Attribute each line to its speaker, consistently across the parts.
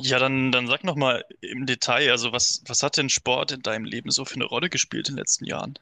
Speaker 1: Ja, dann sag noch mal im Detail, also was hat denn Sport in deinem Leben so für eine Rolle gespielt in den letzten Jahren?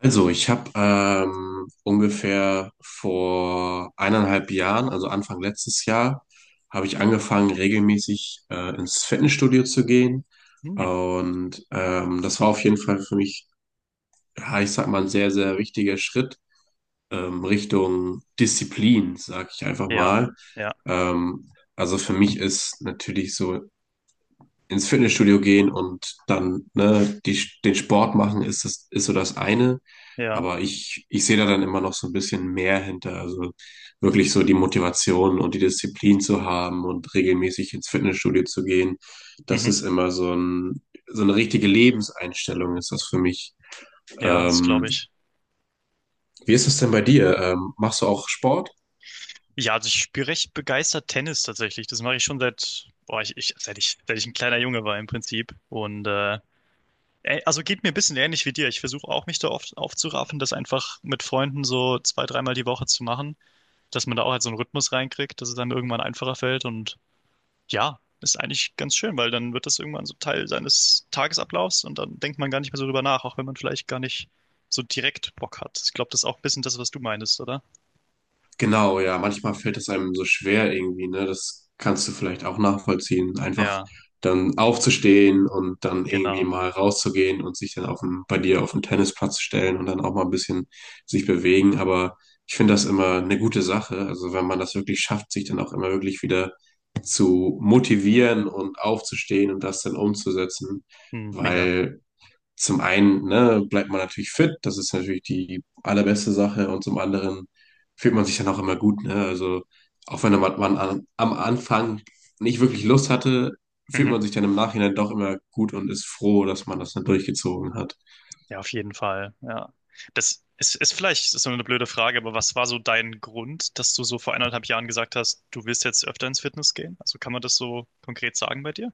Speaker 2: Also, ich habe ungefähr vor eineinhalb Jahren, also Anfang letztes Jahr, habe ich angefangen, regelmäßig ins Fitnessstudio zu gehen.
Speaker 1: Hm,
Speaker 2: Und das war auf jeden Fall für mich, ja, ich sag mal, ein sehr, sehr wichtiger Schritt Richtung Disziplin, sag ich einfach
Speaker 1: ja,
Speaker 2: mal.
Speaker 1: ja,
Speaker 2: Also für mich ist natürlich so ins Fitnessstudio gehen und dann ne, den Sport machen, ist so das eine.
Speaker 1: ja,
Speaker 2: Aber ich sehe da dann immer noch so ein bisschen mehr hinter. Also wirklich so die Motivation und die Disziplin zu haben und regelmäßig ins Fitnessstudio zu gehen. Das
Speaker 1: mhm,
Speaker 2: ist immer so, so eine richtige Lebenseinstellung, ist das für mich.
Speaker 1: ja, das
Speaker 2: Ähm,
Speaker 1: glaube ich.
Speaker 2: wie ist es denn bei dir? Machst du auch Sport?
Speaker 1: Ja, also ich spiele recht begeistert Tennis tatsächlich. Das mache ich schon seit, boah, seit ich ein kleiner Junge war im Prinzip. Und also geht mir ein bisschen ähnlich wie dir. Ich versuche auch mich da oft aufzuraffen, das einfach mit Freunden so zwei, dreimal die Woche zu machen, dass man da auch halt so einen Rhythmus reinkriegt, dass es dann irgendwann einfacher fällt und ja, ist eigentlich ganz schön, weil dann wird das irgendwann so Teil seines Tagesablaufs und dann denkt man gar nicht mehr so drüber nach, auch wenn man vielleicht gar nicht so direkt Bock hat. Ich glaube, das ist auch ein bisschen das, was du meinst, oder?
Speaker 2: Genau, ja, manchmal fällt es einem so schwer irgendwie, ne? Das kannst du vielleicht auch nachvollziehen. Einfach
Speaker 1: Ja,
Speaker 2: dann aufzustehen und dann irgendwie
Speaker 1: genau.
Speaker 2: mal rauszugehen und sich dann bei dir auf den Tennisplatz stellen und dann auch mal ein bisschen sich bewegen. Aber ich finde das immer eine gute Sache. Also wenn man das wirklich schafft, sich dann auch immer wirklich wieder zu motivieren und aufzustehen und das dann umzusetzen.
Speaker 1: Hm, mega.
Speaker 2: Weil zum einen, ne, bleibt man natürlich fit, das ist natürlich die allerbeste Sache und zum anderen fühlt man sich dann auch immer gut, ne? Also auch wenn man am Anfang nicht wirklich Lust hatte, fühlt
Speaker 1: Mhm.
Speaker 2: man sich dann im Nachhinein doch immer gut und ist froh, dass man das dann durchgezogen hat.
Speaker 1: Ja, auf jeden Fall. Ja. Das ist, ist vielleicht ist so eine blöde Frage, aber was war so dein Grund, dass du so vor 1,5 Jahren gesagt hast, du willst jetzt öfter ins Fitness gehen? Also kann man das so konkret sagen bei dir?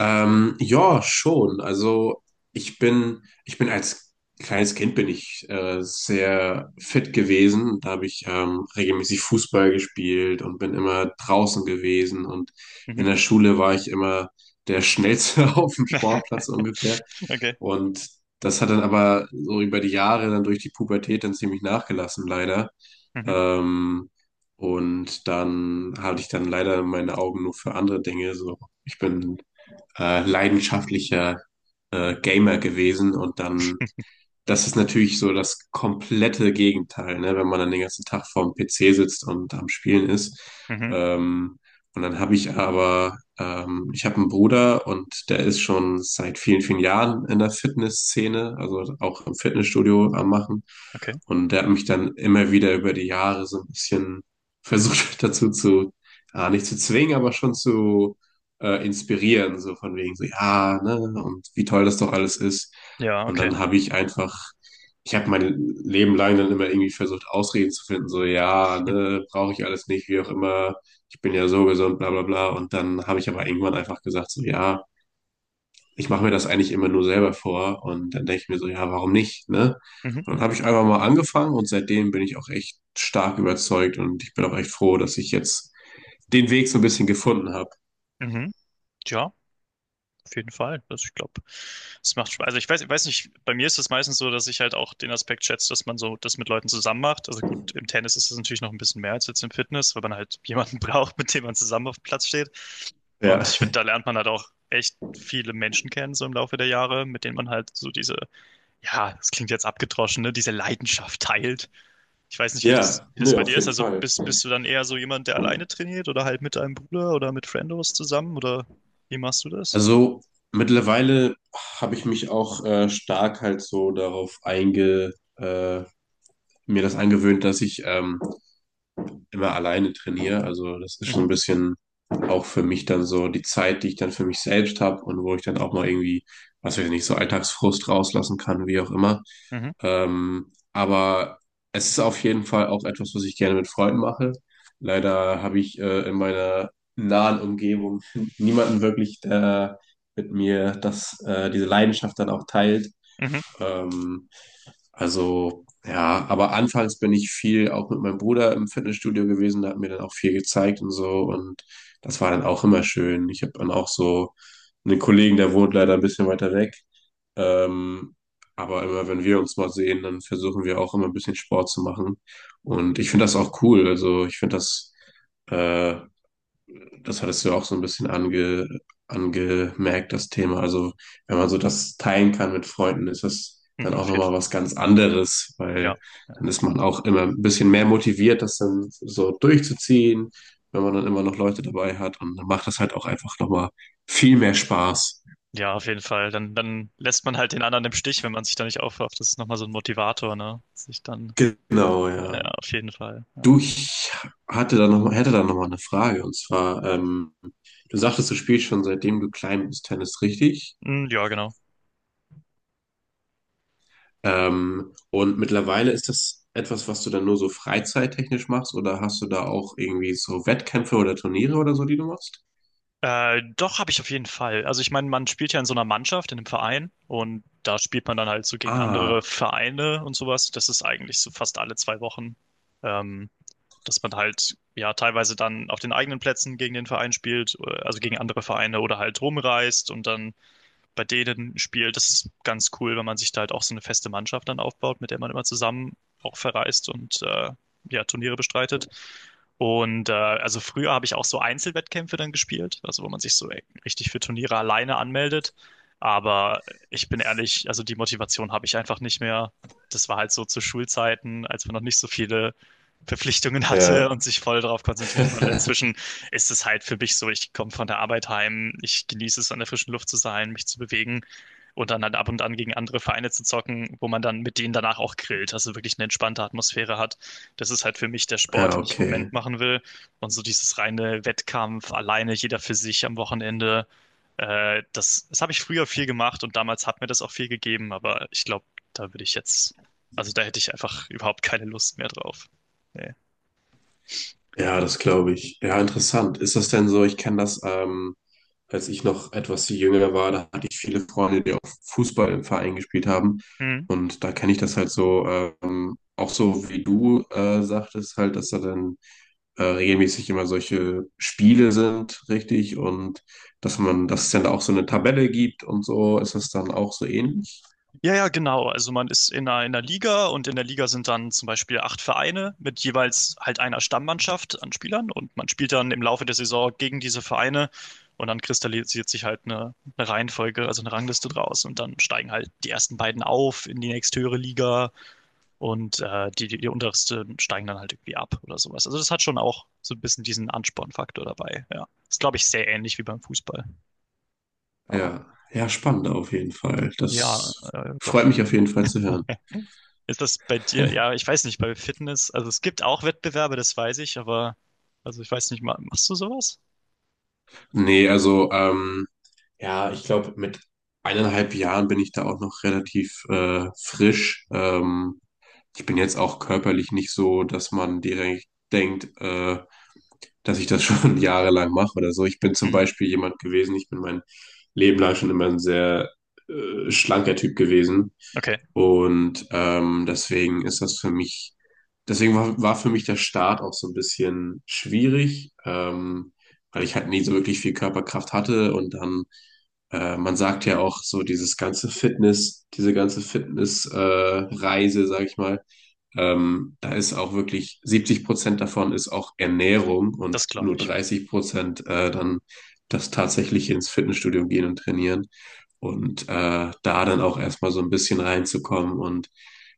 Speaker 2: Ja, schon. Also ich bin als kleines Kind bin ich sehr fit gewesen. Da habe ich regelmäßig Fußball gespielt und bin immer draußen gewesen. Und in
Speaker 1: Mhm.
Speaker 2: der Schule war ich immer der Schnellste auf dem Sportplatz ungefähr.
Speaker 1: Okay.
Speaker 2: Und das hat dann aber so über die Jahre dann durch die Pubertät dann ziemlich nachgelassen, leider.
Speaker 1: Mhm.
Speaker 2: Ähm, und dann hatte ich dann leider meine Augen nur für andere Dinge. So, ich bin leidenschaftlicher Gamer gewesen und dann das ist natürlich so das komplette Gegenteil, ne? Wenn man dann den ganzen Tag vorm PC sitzt und am Spielen ist.
Speaker 1: Mhm.
Speaker 2: Ähm, und dann habe ich aber, ich habe einen Bruder und der ist schon seit vielen, vielen Jahren in der Fitnessszene, also auch im Fitnessstudio am Machen.
Speaker 1: Okay.
Speaker 2: Und der hat mich dann immer wieder über die Jahre so ein bisschen versucht dazu zu, nicht zu zwingen, aber schon zu inspirieren, so von wegen so, ja, ne, und wie toll das doch alles ist.
Speaker 1: Ja,
Speaker 2: Und
Speaker 1: okay.
Speaker 2: dann habe ich einfach, ich habe mein Leben lang dann immer irgendwie versucht, Ausreden zu finden, so ja,
Speaker 1: Mhm.
Speaker 2: ne, brauche ich alles nicht, wie auch immer, ich bin ja so gesund, bla bla bla. Und dann habe ich aber irgendwann einfach gesagt, so ja, ich mache mir das eigentlich immer nur selber vor. Und dann denke ich mir so, ja, warum nicht, ne?
Speaker 1: Mhm.
Speaker 2: Und dann habe ich einfach mal angefangen und seitdem bin ich auch echt stark überzeugt und ich bin auch echt froh, dass ich jetzt den Weg so ein bisschen gefunden habe.
Speaker 1: Mhm. Ja, auf jeden Fall. Also ich glaube, es macht Spaß. Also ich weiß nicht, bei mir ist es meistens so, dass ich halt auch den Aspekt schätze, dass man so das mit Leuten zusammen macht. Also gut, im Tennis ist es natürlich noch ein bisschen mehr als jetzt im Fitness, weil man halt jemanden braucht, mit dem man zusammen auf dem Platz steht.
Speaker 2: Ja.
Speaker 1: Und ich finde, da lernt man halt auch echt viele Menschen kennen, so im Laufe der Jahre, mit denen man halt so diese, ja, das klingt jetzt abgedroschen, ne, diese Leidenschaft teilt. Ich weiß nicht, wie das,
Speaker 2: Ja,
Speaker 1: wie das
Speaker 2: nö,
Speaker 1: bei
Speaker 2: auf
Speaker 1: dir ist.
Speaker 2: jeden
Speaker 1: Also
Speaker 2: Fall.
Speaker 1: bist du dann eher so jemand, der alleine trainiert oder halt mit deinem Bruder oder mit Friendos zusammen oder wie machst du das?
Speaker 2: Also mittlerweile habe ich mich auch stark halt so mir das angewöhnt, dass ich immer alleine trainiere. Also das ist schon
Speaker 1: Mhm.
Speaker 2: ein bisschen auch für mich dann so die Zeit, die ich dann für mich selbst habe und wo ich dann auch mal irgendwie, was weiß ich nicht, so Alltagsfrust rauslassen kann, wie auch immer.
Speaker 1: Mhm.
Speaker 2: Aber es ist auf jeden Fall auch etwas, was ich gerne mit Freunden mache. Leider habe ich in meiner nahen Umgebung niemanden wirklich, der mit mir diese Leidenschaft dann auch teilt.
Speaker 1: Mhm.
Speaker 2: Ähm, also ja, aber anfangs bin ich viel auch mit meinem Bruder im Fitnessstudio gewesen, der hat mir dann auch viel gezeigt und so und das war dann auch immer schön. Ich habe dann auch so einen Kollegen, der wohnt leider ein bisschen weiter weg, ähm, aber immer wenn wir uns mal sehen, dann versuchen wir auch immer ein bisschen Sport zu machen und ich finde das auch cool. Also ich finde das äh, Das hattest du auch so ein bisschen angemerkt, das Thema. Also, wenn man so das teilen kann mit Freunden, ist das dann
Speaker 1: Mhm.
Speaker 2: auch
Speaker 1: Auf jeden
Speaker 2: nochmal
Speaker 1: Fall.
Speaker 2: was ganz anderes,
Speaker 1: Ja.
Speaker 2: weil
Speaker 1: Ja,
Speaker 2: dann ist man auch immer ein bisschen mehr motiviert, das dann so durchzuziehen, wenn man dann immer noch Leute dabei hat. Und dann macht das halt auch einfach nochmal viel mehr Spaß.
Speaker 1: ja, auf jeden Fall. Dann lässt man halt den anderen im Stich, wenn man sich da nicht aufrafft. Das ist nochmal so ein Motivator, ne? Sich dann,
Speaker 2: Genau,
Speaker 1: ja,
Speaker 2: ja.
Speaker 1: auf jeden Fall. Ja,
Speaker 2: Du, ich hatte da noch mal, hätte da nochmal eine Frage. Und zwar, du sagtest, du spielst schon seitdem du klein bist Tennis, richtig?
Speaker 1: mm, ja genau.
Speaker 2: Und mittlerweile ist das etwas, was du dann nur so freizeittechnisch machst oder hast du da auch irgendwie so Wettkämpfe oder Turniere oder so, die du machst?
Speaker 1: Doch, habe ich auf jeden Fall. Also ich meine, man spielt ja in so einer Mannschaft, in einem Verein und da spielt man dann halt so gegen andere
Speaker 2: Ah,
Speaker 1: Vereine und sowas. Das ist eigentlich so fast alle 2 Wochen, ähm, dass man halt ja teilweise dann auf den eigenen Plätzen gegen den Verein spielt, also gegen andere Vereine oder halt rumreist und dann bei denen spielt. Das ist ganz cool, wenn man sich da halt auch so eine feste Mannschaft dann aufbaut, mit der man immer zusammen auch verreist und ja, Turniere bestreitet. Und also früher habe ich auch so Einzelwettkämpfe dann gespielt, also wo man sich so richtig für Turniere alleine anmeldet. Aber ich bin ehrlich, also die Motivation habe ich einfach nicht mehr. Das war halt so zu Schulzeiten, als man noch nicht so viele Verpflichtungen hatte
Speaker 2: ja.
Speaker 1: und sich voll darauf konzentrieren konnte. Inzwischen ist es halt für mich so, ich komme von der Arbeit heim, ich genieße es, an der frischen Luft zu sein, mich zu bewegen und dann halt ab und an gegen andere Vereine zu zocken, wo man dann mit denen danach auch grillt, also wirklich eine entspannte Atmosphäre hat. Das ist halt für mich der Sport,
Speaker 2: Ja,
Speaker 1: den ich im
Speaker 2: okay.
Speaker 1: Moment machen will. Und so dieses reine Wettkampf, alleine, jeder für sich am Wochenende, das habe ich früher viel gemacht und damals hat mir das auch viel gegeben, aber ich glaube, da würde ich jetzt, also da hätte ich einfach überhaupt keine Lust mehr drauf. Nee.
Speaker 2: Ja, das glaube ich. Ja, interessant. Ist das denn so? Ich kenne das, als ich noch etwas jünger war, da hatte ich viele Freunde, die auch Fußball im Verein gespielt haben.
Speaker 1: Hm.
Speaker 2: Und da kenne ich das halt so, auch so wie du sagtest, halt, dass da dann regelmäßig immer solche Spiele sind, richtig? Und dass es dann auch so eine Tabelle gibt und so, ist das dann auch so ähnlich?
Speaker 1: Ja, ja, genau. Also man ist in einer Liga und in der Liga sind dann zum Beispiel acht Vereine mit jeweils halt einer Stammmannschaft an Spielern und man spielt dann im Laufe der Saison gegen diese Vereine und dann kristallisiert sich halt eine Reihenfolge, also eine Rangliste draus und dann steigen halt die ersten beiden auf in die nächsthöhere Liga und die untersten steigen dann halt irgendwie ab oder sowas. Also das hat schon auch so ein bisschen diesen Anspornfaktor dabei. Ja, ist glaube ich sehr ähnlich wie beim Fußball. Ja,
Speaker 2: Ja, ja, spannend auf jeden Fall.
Speaker 1: ja,
Speaker 2: Das freut
Speaker 1: doch.
Speaker 2: mich auf jeden Fall zu hören.
Speaker 1: Ist das bei dir? Ja, ich weiß nicht, bei Fitness, also es gibt auch Wettbewerbe, das weiß ich, aber also ich weiß nicht, machst du sowas?
Speaker 2: Nee, also, ja, ich glaube, mit eineinhalb Jahren bin ich da auch noch relativ frisch. Ich bin jetzt auch körperlich nicht so, dass man direkt denkt, dass ich das schon jahrelang mache oder so. Ich bin zum
Speaker 1: Mhm.
Speaker 2: Beispiel jemand gewesen, ich bin mein Leben lang schon immer ein sehr schlanker Typ gewesen.
Speaker 1: Okay,
Speaker 2: Und deswegen ist das für mich, deswegen war für mich der Start auch so ein bisschen schwierig, weil ich halt nie so wirklich viel Körperkraft hatte. Und dann, man sagt ja auch so, diese ganze Fitness, Reise, sag ich mal, da ist auch wirklich 70% davon ist auch Ernährung und
Speaker 1: das glaube
Speaker 2: nur
Speaker 1: ich.
Speaker 2: 30% dann das tatsächliche ins Fitnessstudio gehen und trainieren. Und da dann auch erstmal so ein bisschen reinzukommen und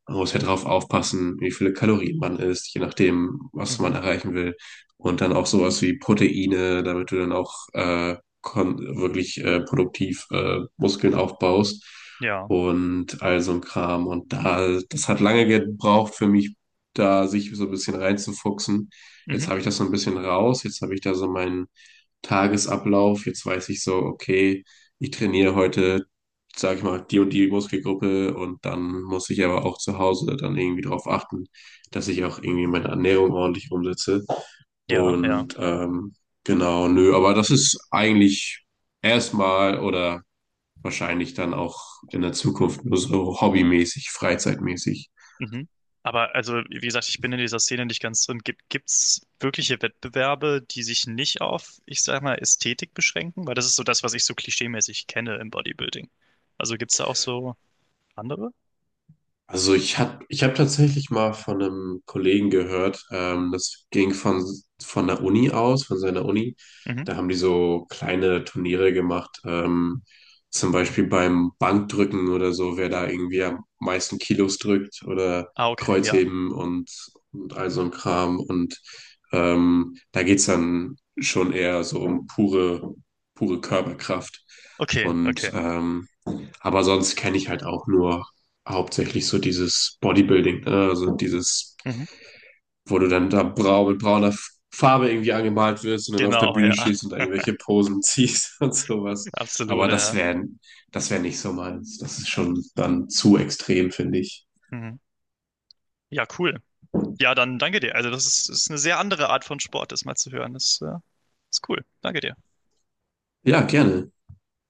Speaker 2: man muss ja drauf aufpassen, wie viele Kalorien man isst, je nachdem, was
Speaker 1: Mhm.
Speaker 2: man erreichen will. Und dann auch sowas wie Proteine, damit du dann auch wirklich produktiv Muskeln aufbaust
Speaker 1: Ja.
Speaker 2: und all so ein Kram. Und da, das hat lange gebraucht für mich, da sich so ein bisschen reinzufuchsen.
Speaker 1: Mhm.
Speaker 2: Jetzt habe ich das so ein bisschen raus, jetzt habe ich da so meinen Tagesablauf, jetzt weiß ich so, okay, ich trainiere heute, sage ich mal, die und die Muskelgruppe und dann muss ich aber auch zu Hause dann irgendwie darauf achten, dass ich auch irgendwie meine Ernährung ordentlich umsetze.
Speaker 1: Ja, ja.
Speaker 2: Und genau, nö, aber das ist eigentlich erstmal oder wahrscheinlich dann auch in der Zukunft nur so hobbymäßig, freizeitmäßig.
Speaker 1: Mhm. Aber also, wie gesagt, ich bin in dieser Szene nicht ganz drin. Gibt's wirkliche Wettbewerbe, die sich nicht auf, ich sag mal, Ästhetik beschränken? Weil das ist so das, was ich so klischeemäßig kenne im Bodybuilding. Also gibt's da auch so andere?
Speaker 2: Also ich hab tatsächlich mal von einem Kollegen gehört, das ging von der Uni aus, von seiner Uni.
Speaker 1: Mhm.
Speaker 2: Da haben die so kleine Turniere gemacht, zum Beispiel beim Bankdrücken oder so, wer da irgendwie am meisten Kilos drückt oder
Speaker 1: Ah, okay, ja.
Speaker 2: Kreuzheben und all so ein Kram. Und da geht's dann schon eher so um pure, pure Körperkraft.
Speaker 1: Okay, okay.
Speaker 2: Und aber sonst kenne ich halt auch nur hauptsächlich so dieses Bodybuilding, ne? Also dieses,
Speaker 1: Mhm.
Speaker 2: wo du dann da brau mit brauner Farbe irgendwie angemalt wirst und dann auf der
Speaker 1: Genau,
Speaker 2: Bühne
Speaker 1: ja.
Speaker 2: stehst und irgendwelche Posen ziehst und sowas.
Speaker 1: Absolut,
Speaker 2: Aber das
Speaker 1: ja.
Speaker 2: wäre, das wäre nicht so meins. Das ist schon dann zu extrem, finde ich.
Speaker 1: Mhm. Ja, cool. Ja, dann danke dir. Also das ist eine sehr andere Art von Sport, das mal zu hören. Das ist cool. Danke dir.
Speaker 2: Ja, gerne.